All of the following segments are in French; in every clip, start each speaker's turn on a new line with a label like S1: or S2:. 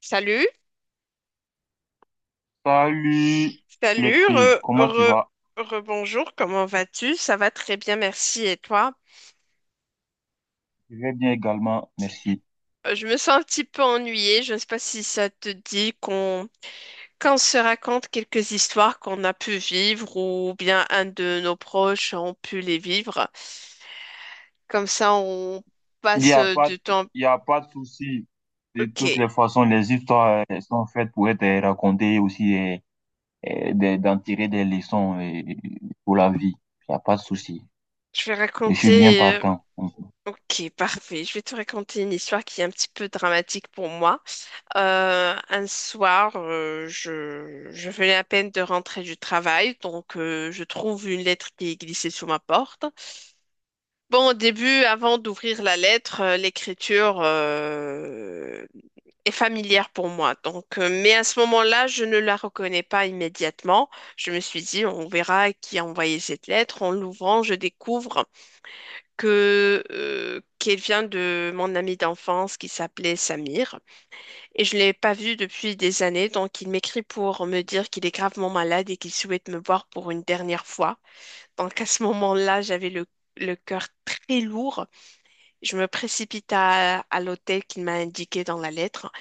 S1: Salut,
S2: Salut les
S1: salut,
S2: filles, comment tu vas?
S1: rebonjour, comment vas-tu? Ça va très bien, merci. Et toi?
S2: Je vais bien également, merci.
S1: Je me sens un petit peu ennuyée. Je ne sais pas si ça te dit qu'on se raconte quelques histoires qu'on a pu vivre ou bien un de nos proches ont pu les vivre. Comme ça, on
S2: Il n'y
S1: passe
S2: a pas,
S1: du temps.
S2: il y a pas de souci. De toutes
S1: Ok,
S2: les façons, les histoires sont faites pour être racontées aussi, d'en tirer des leçons pour la vie. Il n'y a pas de souci.
S1: je vais
S2: Je suis bien
S1: raconter.
S2: partant.
S1: Ok, parfait. Je vais te raconter une histoire qui est un petit peu dramatique pour moi. Un soir, je venais à peine de rentrer du travail, donc je trouve une lettre qui est glissée sous ma porte. Bon, au début, avant d'ouvrir la lettre, l'écriture est familière pour moi. Donc, mais à ce moment-là, je ne la reconnais pas immédiatement. Je me suis dit, on verra qui a envoyé cette lettre. En l'ouvrant, je découvre que qu'elle vient de mon ami d'enfance qui s'appelait Samir. Et je l'ai pas vu depuis des années, donc il m'écrit pour me dire qu'il est gravement malade et qu'il souhaite me voir pour une dernière fois. Donc à ce moment-là, le cœur très lourd. Je me précipite à l'hôtel qu'il m'a indiqué dans la lettre.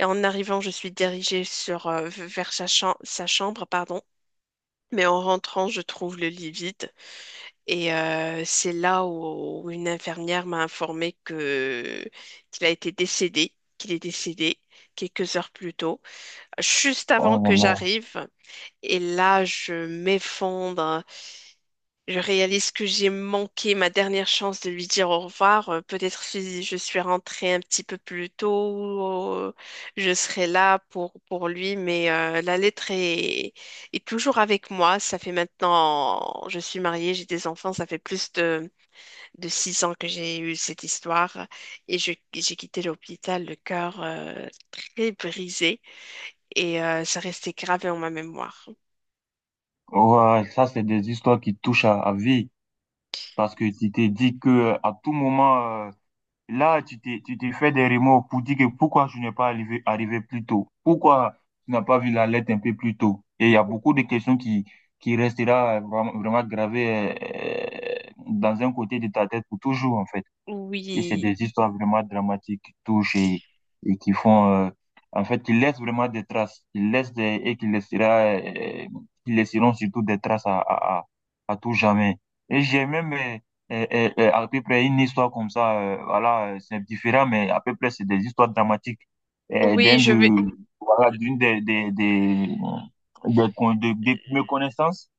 S1: Et en arrivant, je suis dirigée vers sa chambre, pardon. Mais en rentrant, je trouve le lit vide. C'est là où une infirmière m'a informé que qu'il a été décédé, qu'il est décédé quelques heures plus tôt juste avant
S2: Oh,
S1: que
S2: non.
S1: j'arrive. Et là, je m'effondre. Je réalise que j'ai manqué ma dernière chance de lui dire au revoir. Peut-être si je suis rentrée un petit peu plus tôt, je serai là pour lui. Mais est toujours avec moi. Ça fait maintenant, je suis mariée, j'ai des enfants. Ça fait plus de 6 ans que j'ai eu cette histoire. Et j'ai quitté l'hôpital, le cœur très brisé et ça restait gravé en ma mémoire.
S2: Ouais, ça, c'est des histoires qui touchent à vie parce que tu t'es dit que à tout moment, là, tu t'es fait des remords pour dire que pourquoi je n'ai pas arrivé plus tôt? Pourquoi tu n'as pas vu la lettre un peu plus tôt? Et il y a beaucoup de questions qui resteront vraiment gravées dans un côté de ta tête pour toujours, en fait. Et c'est
S1: Oui,
S2: des histoires vraiment dramatiques qui touchent et qui font, en fait, ils laissent vraiment des traces. Ils laissent des, et qui laissera, euh, qui laisseront surtout des traces à tout jamais. Et j'ai même, à peu près une histoire comme ça, voilà, c'est différent, mais à peu près c'est des histoires dramatiques euh,
S1: oui,
S2: d'un de, voilà, d'une des mes connaissances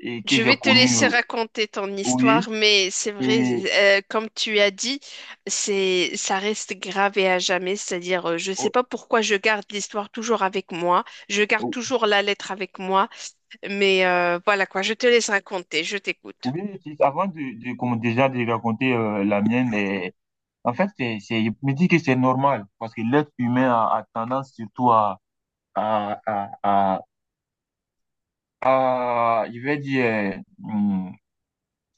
S2: et que
S1: je
S2: j'ai
S1: vais te
S2: connues,
S1: laisser raconter ton
S2: oui.
S1: histoire, mais c'est vrai,
S2: Et,
S1: comme tu as dit, ça reste gravé à jamais. C'est-à-dire, je ne sais
S2: oh,
S1: pas pourquoi je garde l'histoire toujours avec moi, je garde toujours la lettre avec moi, mais voilà quoi, je te laisse raconter, je t'écoute.
S2: oui, avant de comme déjà de raconter la mienne, en fait, c'est, je me dis que c'est normal parce que l'être humain a tendance surtout à, à, à, à je vais dire,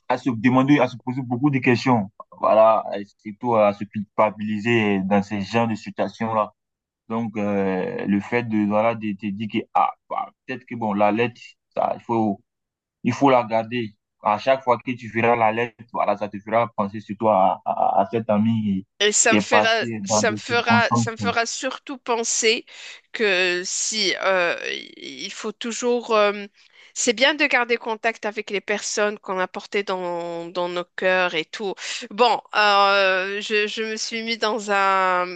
S2: à se demander, à se poser beaucoup de questions. Voilà, et surtout à se culpabiliser dans ces genres de situations-là. Donc, le fait de, voilà, de te dire que, ah, bah, peut-être que, bon, la lettre, ça, il faut la garder. À chaque fois que tu verras la lettre, voilà, ça te fera penser surtout à cet ami
S1: Et
S2: qui est parti dans des
S1: ça
S2: circonstances.
S1: me fera surtout penser que si il faut toujours, c'est bien de garder contact avec les personnes qu'on a portées dans nos cœurs et tout. Bon, je me suis mis dans un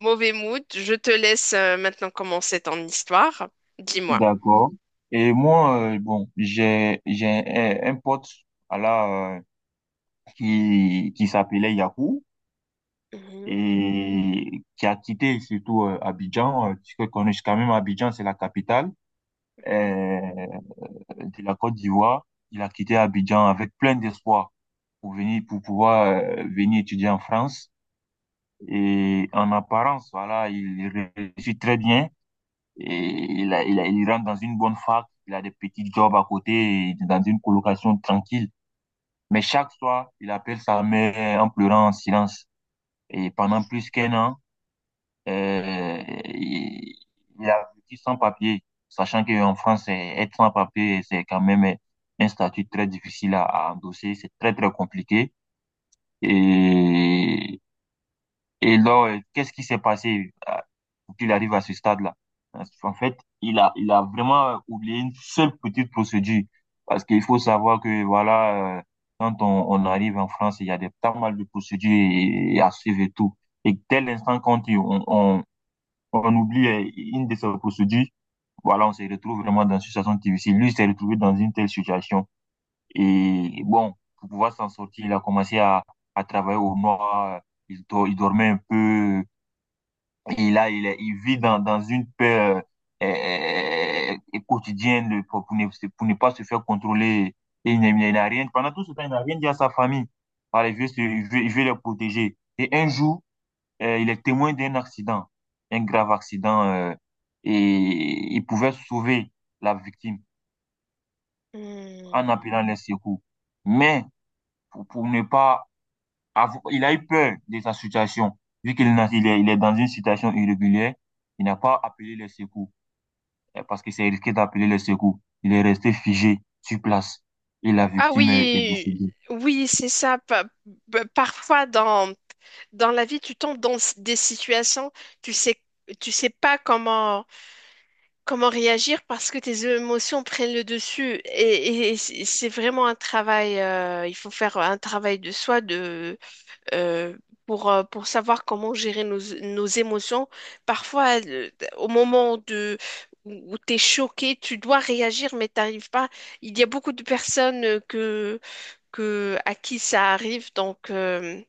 S1: mauvais mood. Je te laisse maintenant commencer ton histoire. Dis-moi.
S2: D'accord. Et moi, bon, j'ai un pote, voilà, qui s'appelait Yakou
S1: Mhm,
S2: et qui a quitté surtout Abidjan. Euh, tu connais quand même Abidjan, c'est la capitale
S1: mhm,
S2: euh, de la Côte d'Ivoire. Il a quitté Abidjan avec plein d'espoir pour venir, pour pouvoir venir étudier en France. Et en apparence, voilà, il réussit très bien. Et il rentre dans une bonne fac, il a des petits jobs à côté, et dans une colocation tranquille. Mais chaque soir, il appelle sa mère en pleurant en silence. Et pendant plus qu'un an, euh, il, il a vécu sans papier, sachant qu'en France, eh, être sans papier, c'est quand même eh, un statut très difficile à endosser, c'est très, très compliqué. Et Et là, qu'est-ce qui s'est passé pour qu'il arrive à ce stade-là? Parce qu'en fait, il a vraiment oublié une seule petite procédure. Parce qu'il faut savoir que, voilà, quand on arrive en France, il y a des, pas mal de procédures et à suivre et tout. Et dès l'instant quand on oublie une de ces procédures, voilà, on se retrouve vraiment dans une situation difficile. Lui, il s'est retrouvé dans une telle situation. Et bon, pour pouvoir s'en sortir, il a commencé à travailler au noir. Il dormait un peu, et là, il vit dans une peur quotidienne pour ne pas se faire contrôler. Et il n'a rien, pendant tout ce temps, il n'a rien dit à sa famille. Voilà, il veut, se- il veut les protéger. Et un jour, il est témoin d'un accident, un grave accident, et il pouvait sauver la victime en
S1: mhm.
S2: appelant les secours. Mais pour ne pas avoir, il a eu peur de sa situation, vu qu'il il il est dans une situation irrégulière, il n'a pas appelé les secours. Euh, parce que c'est risqué d'appeler a les secours. Il est resté figé sur place et la
S1: Ah
S2: victime est
S1: oui,
S2: décédée.
S1: oui, c'est ça. Parfois dans la vie, tu tombes dans des situations, tu sais, tu sais pas comment réagir parce que tes émotions prennent le dessus. Et c'est vraiment un travail, il faut faire un travail de soi euh, pour savoir comment gérer nos émotions. Parfois, où tu es choqué, tu dois réagir, mais t'arrives pas. Il y a beaucoup de personnes à qui ça arrive, donc. euh,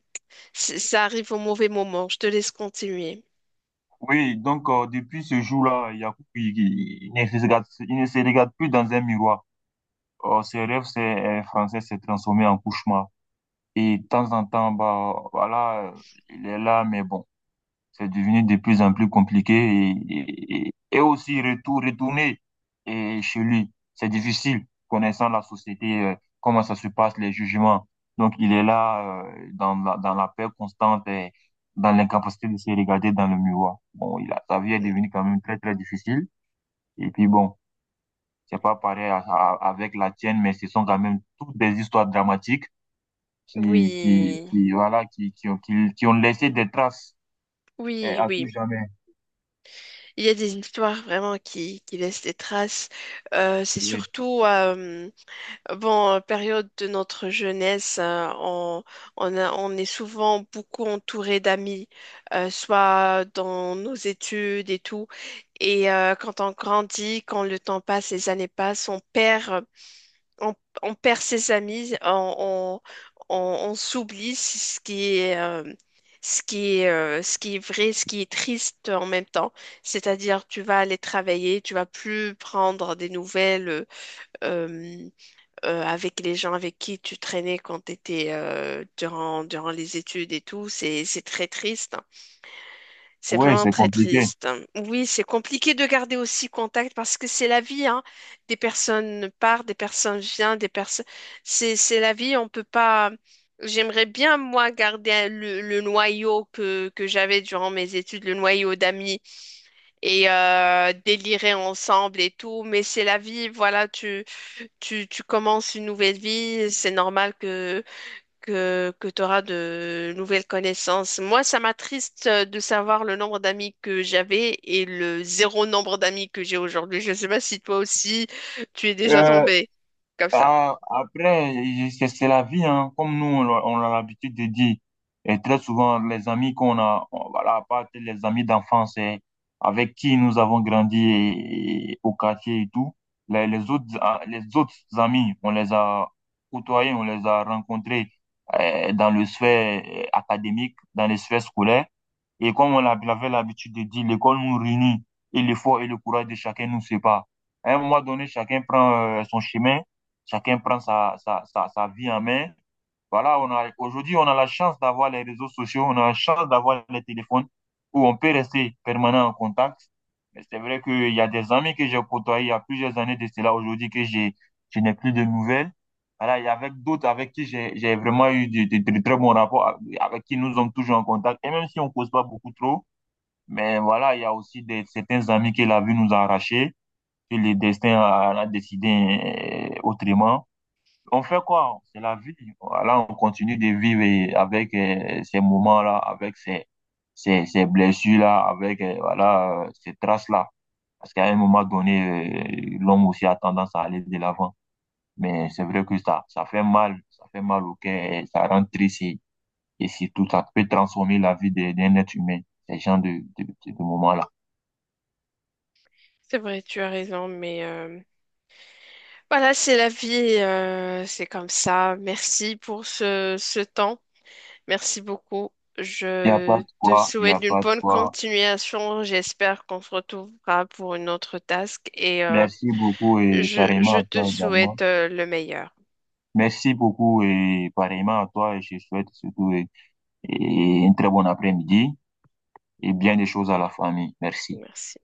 S1: C- Ça arrive au mauvais moment. Je te laisse continuer.
S2: Oui, donc depuis ce jour-là, Yacoub, il, il ne se regarde plus dans un miroir. Ses rêves c'est, français s'est transformé en cauchemar. Et de temps en temps, bah, voilà, il est là, mais bon. C'est devenu de plus en plus compliqué et aussi retourner et chez lui. C'est difficile, connaissant la société, comment ça se passe, les jugements. Donc, il est là dans dans la peur constante et dans l'incapacité de se regarder dans le miroir. Bon, sa vie est
S1: Mm,
S2: devenue quand même très, très difficile. Et puis bon, c'est pas pareil avec la tienne, mais ce sont quand même toutes des histoires dramatiques
S1: oui,
S2: qui voilà, qui ont laissé des traces
S1: oui,
S2: à tout
S1: oui.
S2: jamais.
S1: Il y a des histoires vraiment qui laissent des traces. C'est surtout, période de notre jeunesse, on est souvent beaucoup entouré d'amis, soit dans nos études et tout. Et quand on grandit, quand le temps passe, les années passent, on, on perd ses amis, on s'oublie, c'est ce qui est, ce qui est vrai, ce qui est triste en même temps. C'est-à-dire, tu vas aller travailler, tu vas plus prendre des nouvelles euh, avec les gens avec qui tu traînais quand tu étais durant les études et tout. C'est très triste. C'est
S2: Oui,
S1: vraiment
S2: c'est
S1: très
S2: compliqué.
S1: triste. Oui, c'est compliqué de garder aussi contact parce que c'est la vie, hein. Des personnes partent, des personnes viennent, des personnes. C'est la vie, on peut pas. J'aimerais bien, moi, garder le noyau que j'avais durant mes études, le noyau d'amis et délirer ensemble et tout. Mais c'est la vie, voilà, tu commences une nouvelle vie, c'est normal que tu auras de nouvelles connaissances. Moi, ça m'attriste de savoir le nombre d'amis que j'avais et le zéro nombre d'amis que j'ai aujourd'hui. Je ne sais pas si toi aussi, tu es déjà
S2: Euh,
S1: tombé comme ça.
S2: Ah, après, c'est la vie, hein. Comme nous, on, on a l'habitude de dire, et très souvent, les amis qu'on a, voilà, à part les amis d'enfance eh, avec qui nous avons grandi et au quartier et tout, les autres, ah, les autres amis, on les a côtoyés, on les a rencontrés eh, dans le sphère eh, académique, dans les sphères scolaires. Et comme on l'avait l'habitude de dire, l'école nous réunit et l'effort et le courage de chacun nous sépare. À un moment donné, chacun prend son chemin. Chacun prend sa vie en main. Voilà, aujourd'hui, on a la chance d'avoir les réseaux sociaux, on a la chance d'avoir les téléphones où on peut rester permanent en contact. Mais c'est vrai qu'il y a des amis que j'ai côtoyés il y a plusieurs années de cela aujourd'hui je n'ai plus de nouvelles. Voilà, il y a avec d'autres avec qui j'ai vraiment eu de très bons rapports, avec qui nous sommes toujours en contact. Et même si on ne cause pas beaucoup trop, mais voilà, il y a aussi des, certains amis que la vie nous a arrachés, que le destin a décidé autrement. On fait quoi? C'est la vie. Là, on continue de vivre et avec ces moments-là, avec ces blessures-là, avec voilà, ces traces-là. Parce qu'à un moment donné, l'homme aussi a tendance à aller de l'avant. Mais c'est vrai que ça, ça fait mal au cœur, et ça rend triste et surtout, ça peut transformer la vie d'un être humain, ces gens de moments-là.
S1: C'est vrai, tu as raison, mais voilà, c'est la vie, c'est comme ça. Merci pour ce temps. Merci beaucoup.
S2: Il n'y a pas
S1: Je
S2: de
S1: te
S2: quoi, il n'y a
S1: souhaite une
S2: pas de
S1: bonne
S2: quoi.
S1: continuation. J'espère qu'on se retrouvera pour une autre task et
S2: Merci beaucoup et pareillement
S1: je
S2: à
S1: te
S2: toi également.
S1: souhaite le meilleur.
S2: Merci beaucoup et pareillement à toi et je souhaite surtout et une très bon après-midi et bien des choses à la famille. Merci.
S1: Merci.